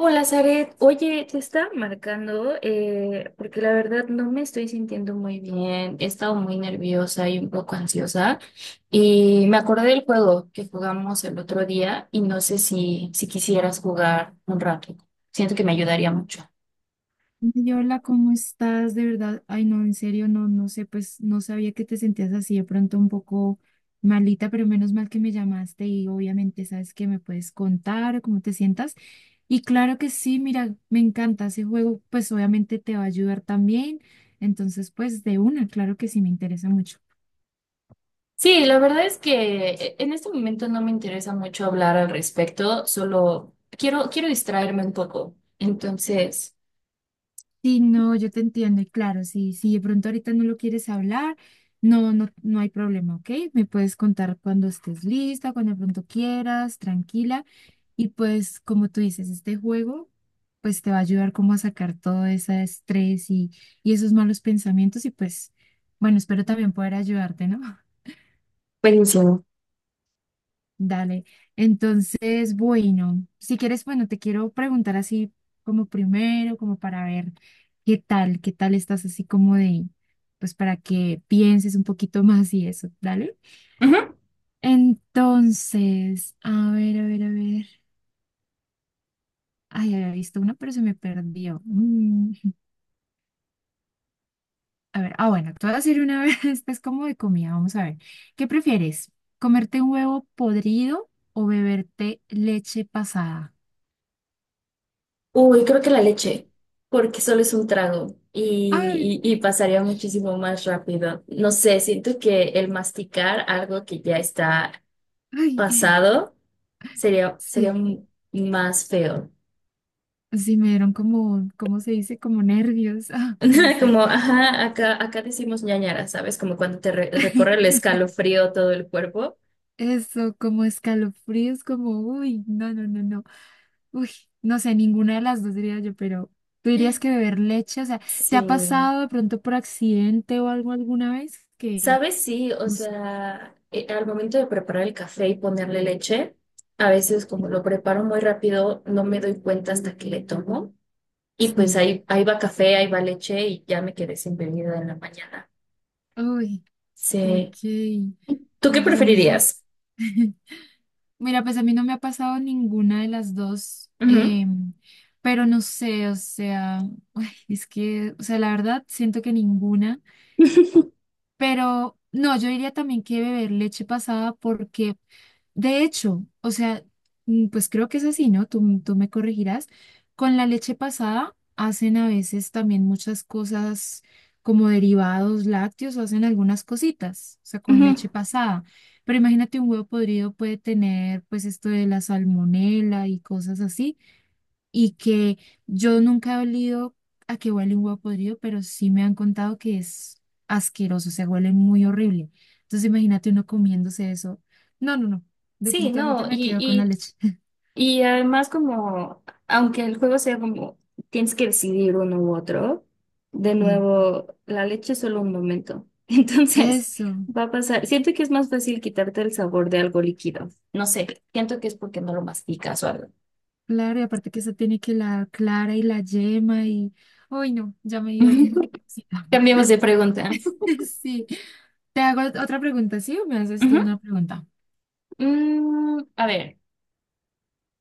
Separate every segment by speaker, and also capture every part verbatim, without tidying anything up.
Speaker 1: Hola, Zaret. Oye, te estaba marcando eh, porque la verdad no me estoy sintiendo muy bien. He estado muy nerviosa y un poco ansiosa. Y me acordé del juego que jugamos el otro día y no sé si, si quisieras jugar un rato. Siento que me ayudaría mucho.
Speaker 2: Ay, hola, ¿cómo estás? De verdad, ay, no, en serio, no, no sé, pues no sabía que te sentías así de pronto un poco malita, pero menos mal que me llamaste y obviamente sabes que me puedes contar o cómo te sientas. Y claro que sí, mira, me encanta ese juego, pues obviamente te va a ayudar también. Entonces, pues de una, claro que sí, me interesa mucho.
Speaker 1: Sí, la verdad es que e, en este momento no me interesa mucho hablar al respecto, solo quiero, quiero distraerme un poco. Entonces,
Speaker 2: Sí, no, yo te entiendo y claro, sí, si de pronto ahorita no lo quieres hablar, no, no, no hay problema, ¿ok? Me puedes contar cuando estés lista, cuando de pronto quieras, tranquila. Y pues, como tú dices, este juego, pues te va a ayudar como a sacar todo ese estrés y, y esos malos pensamientos y pues, bueno, espero también poder ayudarte, ¿no?
Speaker 1: buenísimo.
Speaker 2: Dale. Entonces, bueno, si quieres, bueno, te quiero preguntar así como primero, como para ver qué tal, qué tal estás así como de, pues para que pienses un poquito más y eso, dale.
Speaker 1: Ujú.
Speaker 2: Entonces, a ver, a ver, a ver. Ay, había visto una, pero se me perdió. Mm, A ver, ah, bueno, te voy a decir una vez, esta es como de comida, vamos a ver. ¿Qué prefieres? ¿Comerte un huevo podrido o beberte leche pasada?
Speaker 1: Uy, creo que la leche, porque solo es un trago
Speaker 2: Ay,
Speaker 1: y, y- y pasaría muchísimo más rápido. No sé, siento que el masticar algo que ya está
Speaker 2: ay.
Speaker 1: pasado sería, sería
Speaker 2: Sí,
Speaker 1: m- más feo.
Speaker 2: sí, me dieron como, ¿cómo se dice? Como nervios, ah, no sé.
Speaker 1: Como, ajá, acá, acá decimos ñañara, ¿sabes? Como cuando te re- recorre el escalofrío todo el cuerpo.
Speaker 2: Eso, como escalofríos, como, uy, no, no, no, no. Uy, no sé, ninguna de las dos diría yo, pero tú dirías que beber leche, o sea, ¿te ha
Speaker 1: Sí.
Speaker 2: pasado de pronto por accidente o algo alguna vez? Que,
Speaker 1: ¿Sabes? Sí, o
Speaker 2: no sé,
Speaker 1: sea, eh, al momento de preparar el café y ponerle leche, a veces como
Speaker 2: sí.
Speaker 1: lo preparo muy rápido, no me doy cuenta hasta que le tomo. Y pues
Speaker 2: Sí.
Speaker 1: ahí, ahí va café, ahí va leche y ya me quedé sin bebida en la mañana.
Speaker 2: Uy, ok.
Speaker 1: Sí. ¿Tú qué
Speaker 2: No, pues a mí sí.
Speaker 1: preferirías?
Speaker 2: Mira, pues a mí no me ha pasado ninguna de las dos,
Speaker 1: Ujú.
Speaker 2: em, pero no sé, o sea. Es que, o sea, la verdad, siento que ninguna, pero no, yo diría también que beber leche pasada porque, de hecho, o sea, mm, pues creo que es así, ¿no? Tú, tú me corregirás. Con la leche pasada hacen a veces también muchas cosas como derivados lácteos o hacen algunas cositas, o sea, con
Speaker 1: Ujú.
Speaker 2: leche pasada. Pero imagínate, un huevo podrido puede tener pues esto de la salmonela y cosas así y que yo nunca he olido a que huele un huevo podrido, pero sí me han contado que es asqueroso, o sea, huele muy horrible. Entonces imagínate uno comiéndose eso. No, no, no,
Speaker 1: Sí,
Speaker 2: definitivamente
Speaker 1: no,
Speaker 2: me quedo con la
Speaker 1: y,
Speaker 2: leche.
Speaker 1: Y además como, aunque el juego sea como, tienes que decidir uno u otro, de
Speaker 2: Y
Speaker 1: nuevo, la leche es solo un momento. Entonces,
Speaker 2: eso,
Speaker 1: va a pasar. Siento que es más fácil quitarte el sabor de algo líquido. No sé, siento que es porque no lo masticas o algo.
Speaker 2: claro, y aparte que eso tiene que la clara y la yema y, uy, no, ya me dio... cosita.
Speaker 1: Cambiemos de pregunta.
Speaker 2: Sí, te hago otra pregunta, ¿sí? ¿O me haces tú
Speaker 1: Ujú.
Speaker 2: una pregunta?
Speaker 1: Mm, a ver,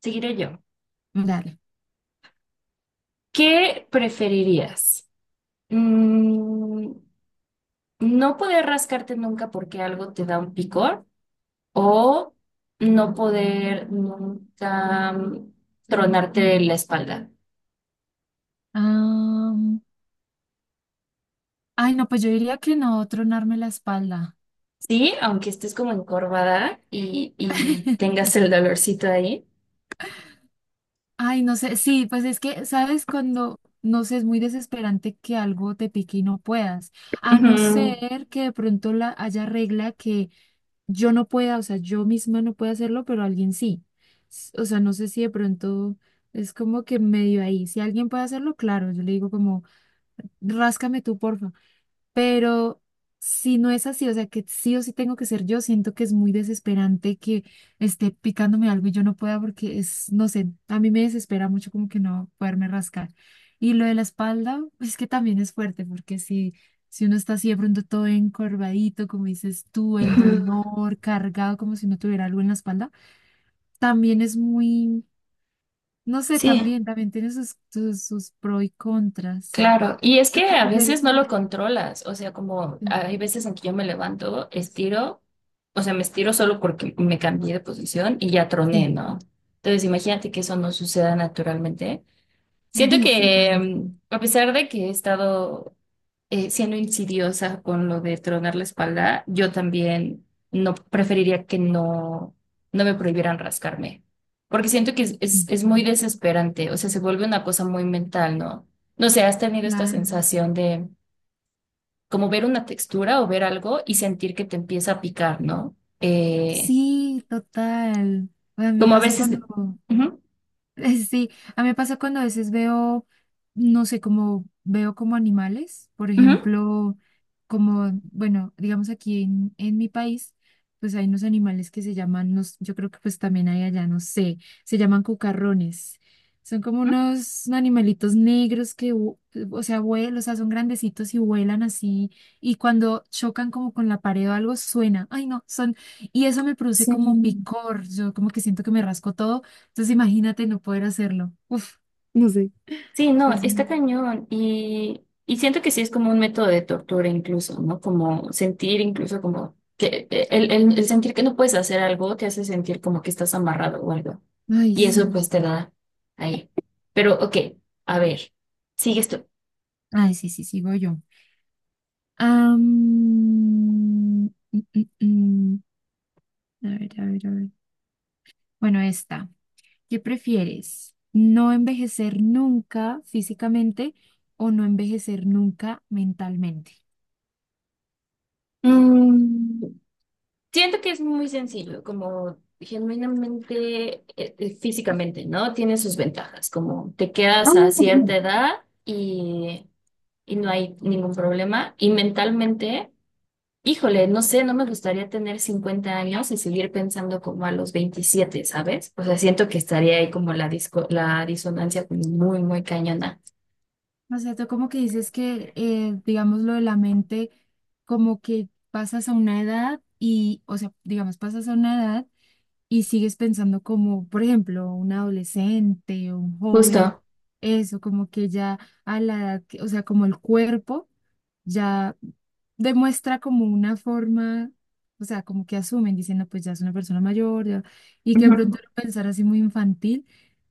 Speaker 1: seguiré yo.
Speaker 2: Dale.
Speaker 1: ¿Qué preferirías? Mm, ¿no poder rascarte nunca porque algo te da un picor? O no poder nunca mm, tronarte la espalda.
Speaker 2: Am, ay, no, pues yo diría que no, tronarme la espalda.
Speaker 1: Sí, aunque estés como encorvada y, y tengas el dolorcito ahí.
Speaker 2: Ay, no sé, sí, pues es que, ¿sabes? Cuando, no sé, es muy desesperante que algo te pique y no puedas, a no
Speaker 1: Ujú,
Speaker 2: ser que de pronto la haya regla que yo no pueda, o sea, yo misma no pueda hacerlo, pero alguien sí. S- O sea, no sé si de pronto es como que medio ahí, si alguien puede hacerlo, claro, yo le digo como, ráscame tú, porfa. Pero si no es así, o sea, que sí o sí tengo que ser yo, siento que es muy desesperante que esté picándome algo y yo no pueda porque es, no sé, a mí me desespera mucho como que no poderme rascar. Y lo de la espalda, es que también es fuerte porque si, si uno está así de pronto todo encorvadito, como dices tú, el
Speaker 1: ujú.
Speaker 2: dolor cargado como si no tuviera algo en la espalda, también es muy, no sé,
Speaker 1: Sí,
Speaker 2: también, también tiene sus, sus, sus pros y contras.
Speaker 1: claro. Y es
Speaker 2: ¿Lo
Speaker 1: que
Speaker 2: que
Speaker 1: a veces
Speaker 2: prefieres?
Speaker 1: no lo controlas. O sea, como hay veces en que yo me levanto, estiro, o sea, me estiro solo porque me cambié de posición y ya troné,
Speaker 2: Sí,
Speaker 1: ¿no? Entonces, imagínate que eso no suceda naturalmente. Siento
Speaker 2: sí, sí,
Speaker 1: que,
Speaker 2: también.
Speaker 1: mm, a pesar de que he estado eh, siendo insidiosa con lo de tronar la espalda, yo también no preferiría que no, no me prohibieran rascarme, porque siento que es, es,
Speaker 2: Sí.
Speaker 1: es muy desesperante, o sea, se vuelve una cosa muy mental, ¿no? No sé, has tenido esta
Speaker 2: Claro.
Speaker 1: sensación de como ver una textura o ver algo y sentir que te empieza a picar, ¿no? Eh,
Speaker 2: Sí, total. Bueno, a mí me
Speaker 1: como a
Speaker 2: pasa
Speaker 1: veces...
Speaker 2: cuando,
Speaker 1: Ujú,
Speaker 2: sí, a mí me pasa cuando a veces veo, no sé, como veo como animales, por
Speaker 1: ujú,
Speaker 2: ejemplo, como, bueno, digamos aquí en, en mi país, pues hay unos animales que se llaman, no s- yo creo que pues también hay allá, no sé, se llaman cucarrones. Son como
Speaker 1: ujú.
Speaker 2: unos animalitos negros que, vu- o sea, vuelan, o sea, son grandecitos y vuelan así, y cuando chocan como con la pared o algo suena, ay no, son, y eso me produce como
Speaker 1: Sí.
Speaker 2: picor, yo como que siento que me rasco todo, entonces imagínate no poder hacerlo. Uf, no sé.
Speaker 1: Sí, no,
Speaker 2: Es
Speaker 1: está
Speaker 2: muy...
Speaker 1: cañón y, y siento que sí es como un método de tortura incluso, ¿no? Como sentir incluso como que eh, el, el- el sentir que no puedes hacer algo te hace sentir como que estás amarrado o algo.
Speaker 2: Ay,
Speaker 1: Y eso Mm.
Speaker 2: sí.
Speaker 1: pues te da ahí. Pero ok, a ver, sigues tú.
Speaker 2: Ay, sí, sí, sigo yo. Am, mm, mm, mm. A ver, a ver, a ver. Bueno, esta. ¿Qué prefieres? ¿No envejecer nunca físicamente o no envejecer nunca mentalmente?
Speaker 1: Mm, siento que es muy sencillo, como genuinamente, eh, eh, físicamente, ¿no? Tiene sus ventajas, como te quedas a cierta edad y y no hay ningún problema. Y mentalmente, híjole, no sé, no me gustaría tener cincuenta años y seguir pensando como a los veintisiete, ¿sabes? O sea, siento que estaría ahí como la disco- la disonancia como muy, muy cañona.
Speaker 2: O sea, tú como que dices que, eh, digamos, lo de la mente, como que pasas a una edad y, o sea, digamos, pasas a una edad y sigues pensando como, por ejemplo, un adolescente o un joven,
Speaker 1: Justo.
Speaker 2: eso, como que ya a la edad, que- o sea, como el cuerpo ya demuestra como una forma, o sea, como que asumen, diciendo, pues ya es una persona mayor, ya- y que de pronto
Speaker 1: Ujú.
Speaker 2: lo pensar así muy infantil,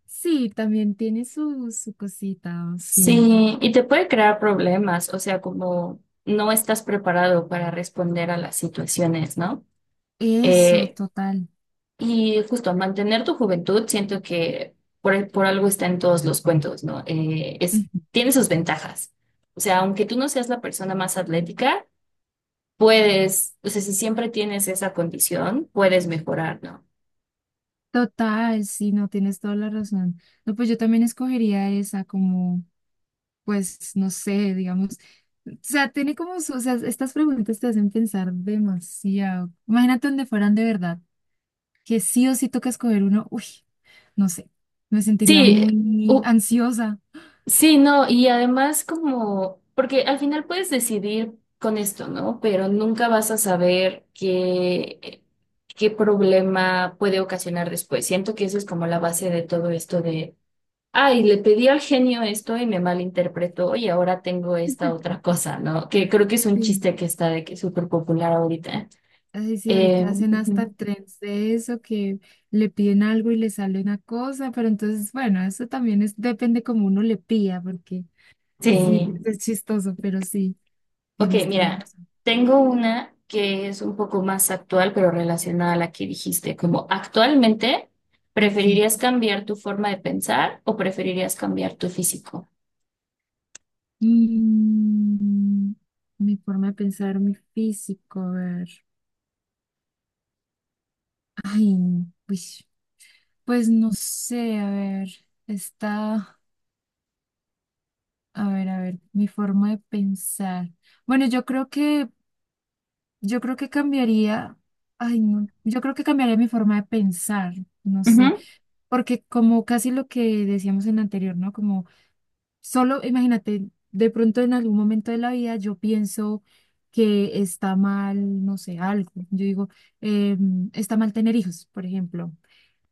Speaker 2: sí, también tiene su, su cosita, sí,
Speaker 1: Sí, y te puede crear problemas, o sea, como no estás preparado para responder a las situaciones, ¿no?
Speaker 2: eso,
Speaker 1: Eh,
Speaker 2: total.
Speaker 1: y justo mantener tu juventud, siento que por, por algo está en todos los cuentos, ¿no? Eh, es,
Speaker 2: Ujú.
Speaker 1: tiene sus ventajas. O sea, aunque tú no seas la persona más atlética, puedes, o sea, si siempre tienes esa condición, puedes mejorar, ¿no?
Speaker 2: Total, sí, no tienes toda la razón. No, pues yo también escogería esa como. Pues no sé, digamos, o sea, tiene como su, o sea, estas preguntas te hacen pensar demasiado. Imagínate donde fueran de verdad, que sí o sí toca escoger uno, uy, no sé, me sentiría
Speaker 1: Sí,
Speaker 2: muy
Speaker 1: u-
Speaker 2: ansiosa.
Speaker 1: sí, no, y además como, porque al final puedes decidir con esto, ¿no? Pero nunca vas a saber qué, eh, qué problema puede ocasionar después. Siento que eso es como la base de todo esto de: Ay, le pedí al genio esto y me malinterpretó y ahora tengo esta otra cosa, ¿no? Que creo que es un
Speaker 2: Sí,
Speaker 1: chiste que está de que súper popular ahorita.
Speaker 2: así sí, ahorita
Speaker 1: Eh,
Speaker 2: hacen hasta
Speaker 1: ujú.
Speaker 2: trends de eso, que le piden algo y le sale una cosa, pero entonces, bueno, eso también es, depende como uno le pida, porque sí,
Speaker 1: Sí.
Speaker 2: es chistoso, pero sí,
Speaker 1: Ok,
Speaker 2: tienes toda la
Speaker 1: mira,
Speaker 2: razón.
Speaker 1: tengo una que es un poco más actual, pero relacionada a la que dijiste, como actualmente,
Speaker 2: Ok,
Speaker 1: ¿preferirías cambiar tu forma de pensar o preferirías cambiar tu físico?
Speaker 2: Mm, mi forma de pensar, mi físico, a ver. Ay, pues, pues no sé, a ver, está, a ver, a ver, mi forma de pensar. Bueno, yo creo que, yo creo que cambiaría, ay, no, yo creo que cambiaría mi forma de pensar, no sé,
Speaker 1: Ujú,
Speaker 2: porque como casi lo que decíamos en la anterior, ¿no? Como solo imagínate, de pronto en algún momento de la vida yo pienso que está mal, no sé, algo. Yo digo, em, está mal tener hijos, por ejemplo.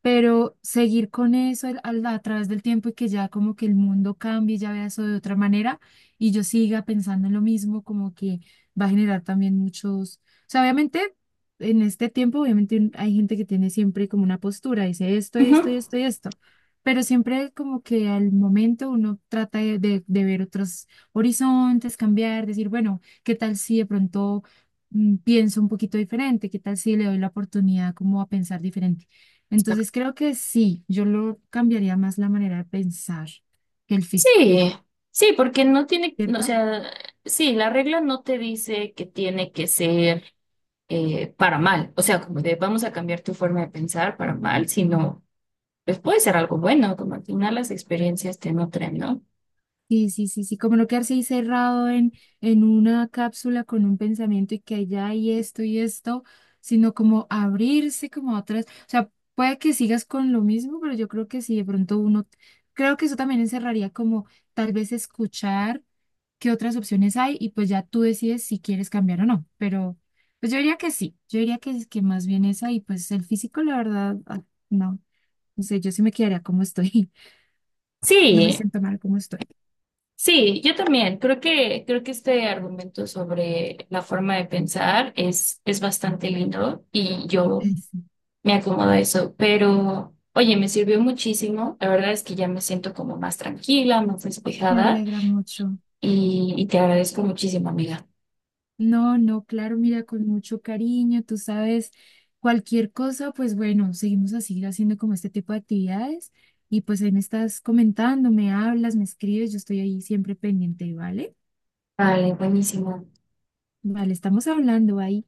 Speaker 2: Pero seguir con eso al- al- a través del tiempo y que ya como que el mundo cambie, ya vea eso de otra manera y yo siga pensando en lo mismo, como que va a generar también muchos, o sea, obviamente en este tiempo, obviamente un- hay gente que tiene siempre como una postura, dice esto,
Speaker 1: ujú.
Speaker 2: esto, esto y esto, pero siempre como que al momento uno trata de, de, de ver otros horizontes, cambiar, decir, bueno, ¿qué tal si de pronto mm, pienso un poquito diferente? ¿Qué tal si le doy la oportunidad como a pensar diferente? Entonces creo que sí, yo lo cambiaría más la manera de pensar que el físico,
Speaker 1: Sí, sí, porque no tiene, no, o
Speaker 2: ¿cierto?
Speaker 1: sea, sí, la regla no te dice que tiene que ser eh, para mal, o sea, como de vamos a cambiar tu forma de pensar para mal, sino pues puede ser algo bueno, como al final las experiencias te nutren, ¿no?
Speaker 2: Sí, sí, sí, sí, como no quedarse ahí cerrado en, en una cápsula con un pensamiento y que allá hay esto y esto, sino como abrirse como a otras, o sea, puede que sigas con lo mismo, pero yo creo que si de pronto uno, creo que eso también encerraría como tal vez escuchar qué otras opciones hay y pues ya tú decides si quieres cambiar o no, pero pues yo diría que sí, yo diría que, es- que más bien esa y pues el físico, la verdad, ah, no, no sé, yo sí me quedaría como estoy, no me
Speaker 1: Sí,
Speaker 2: siento mal como estoy.
Speaker 1: sí, yo también creo que creo que este argumento sobre la forma de pensar es es bastante lindo y yo me acomoda eso, pero oye, me sirvió muchísimo. La verdad es que ya me siento como más tranquila, más
Speaker 2: Me
Speaker 1: despejada
Speaker 2: alegra mucho.
Speaker 1: y, y te agradezco muchísimo, amiga.
Speaker 2: No, no, claro, mira, con mucho cariño, tú sabes, cualquier cosa, pues bueno, seguimos a seguir haciendo como este tipo de actividades y pues ahí me estás comentando, me hablas, me escribes, yo estoy ahí siempre pendiente, ¿vale?
Speaker 1: Vale, buenísimo.
Speaker 2: Vale, estamos hablando ahí.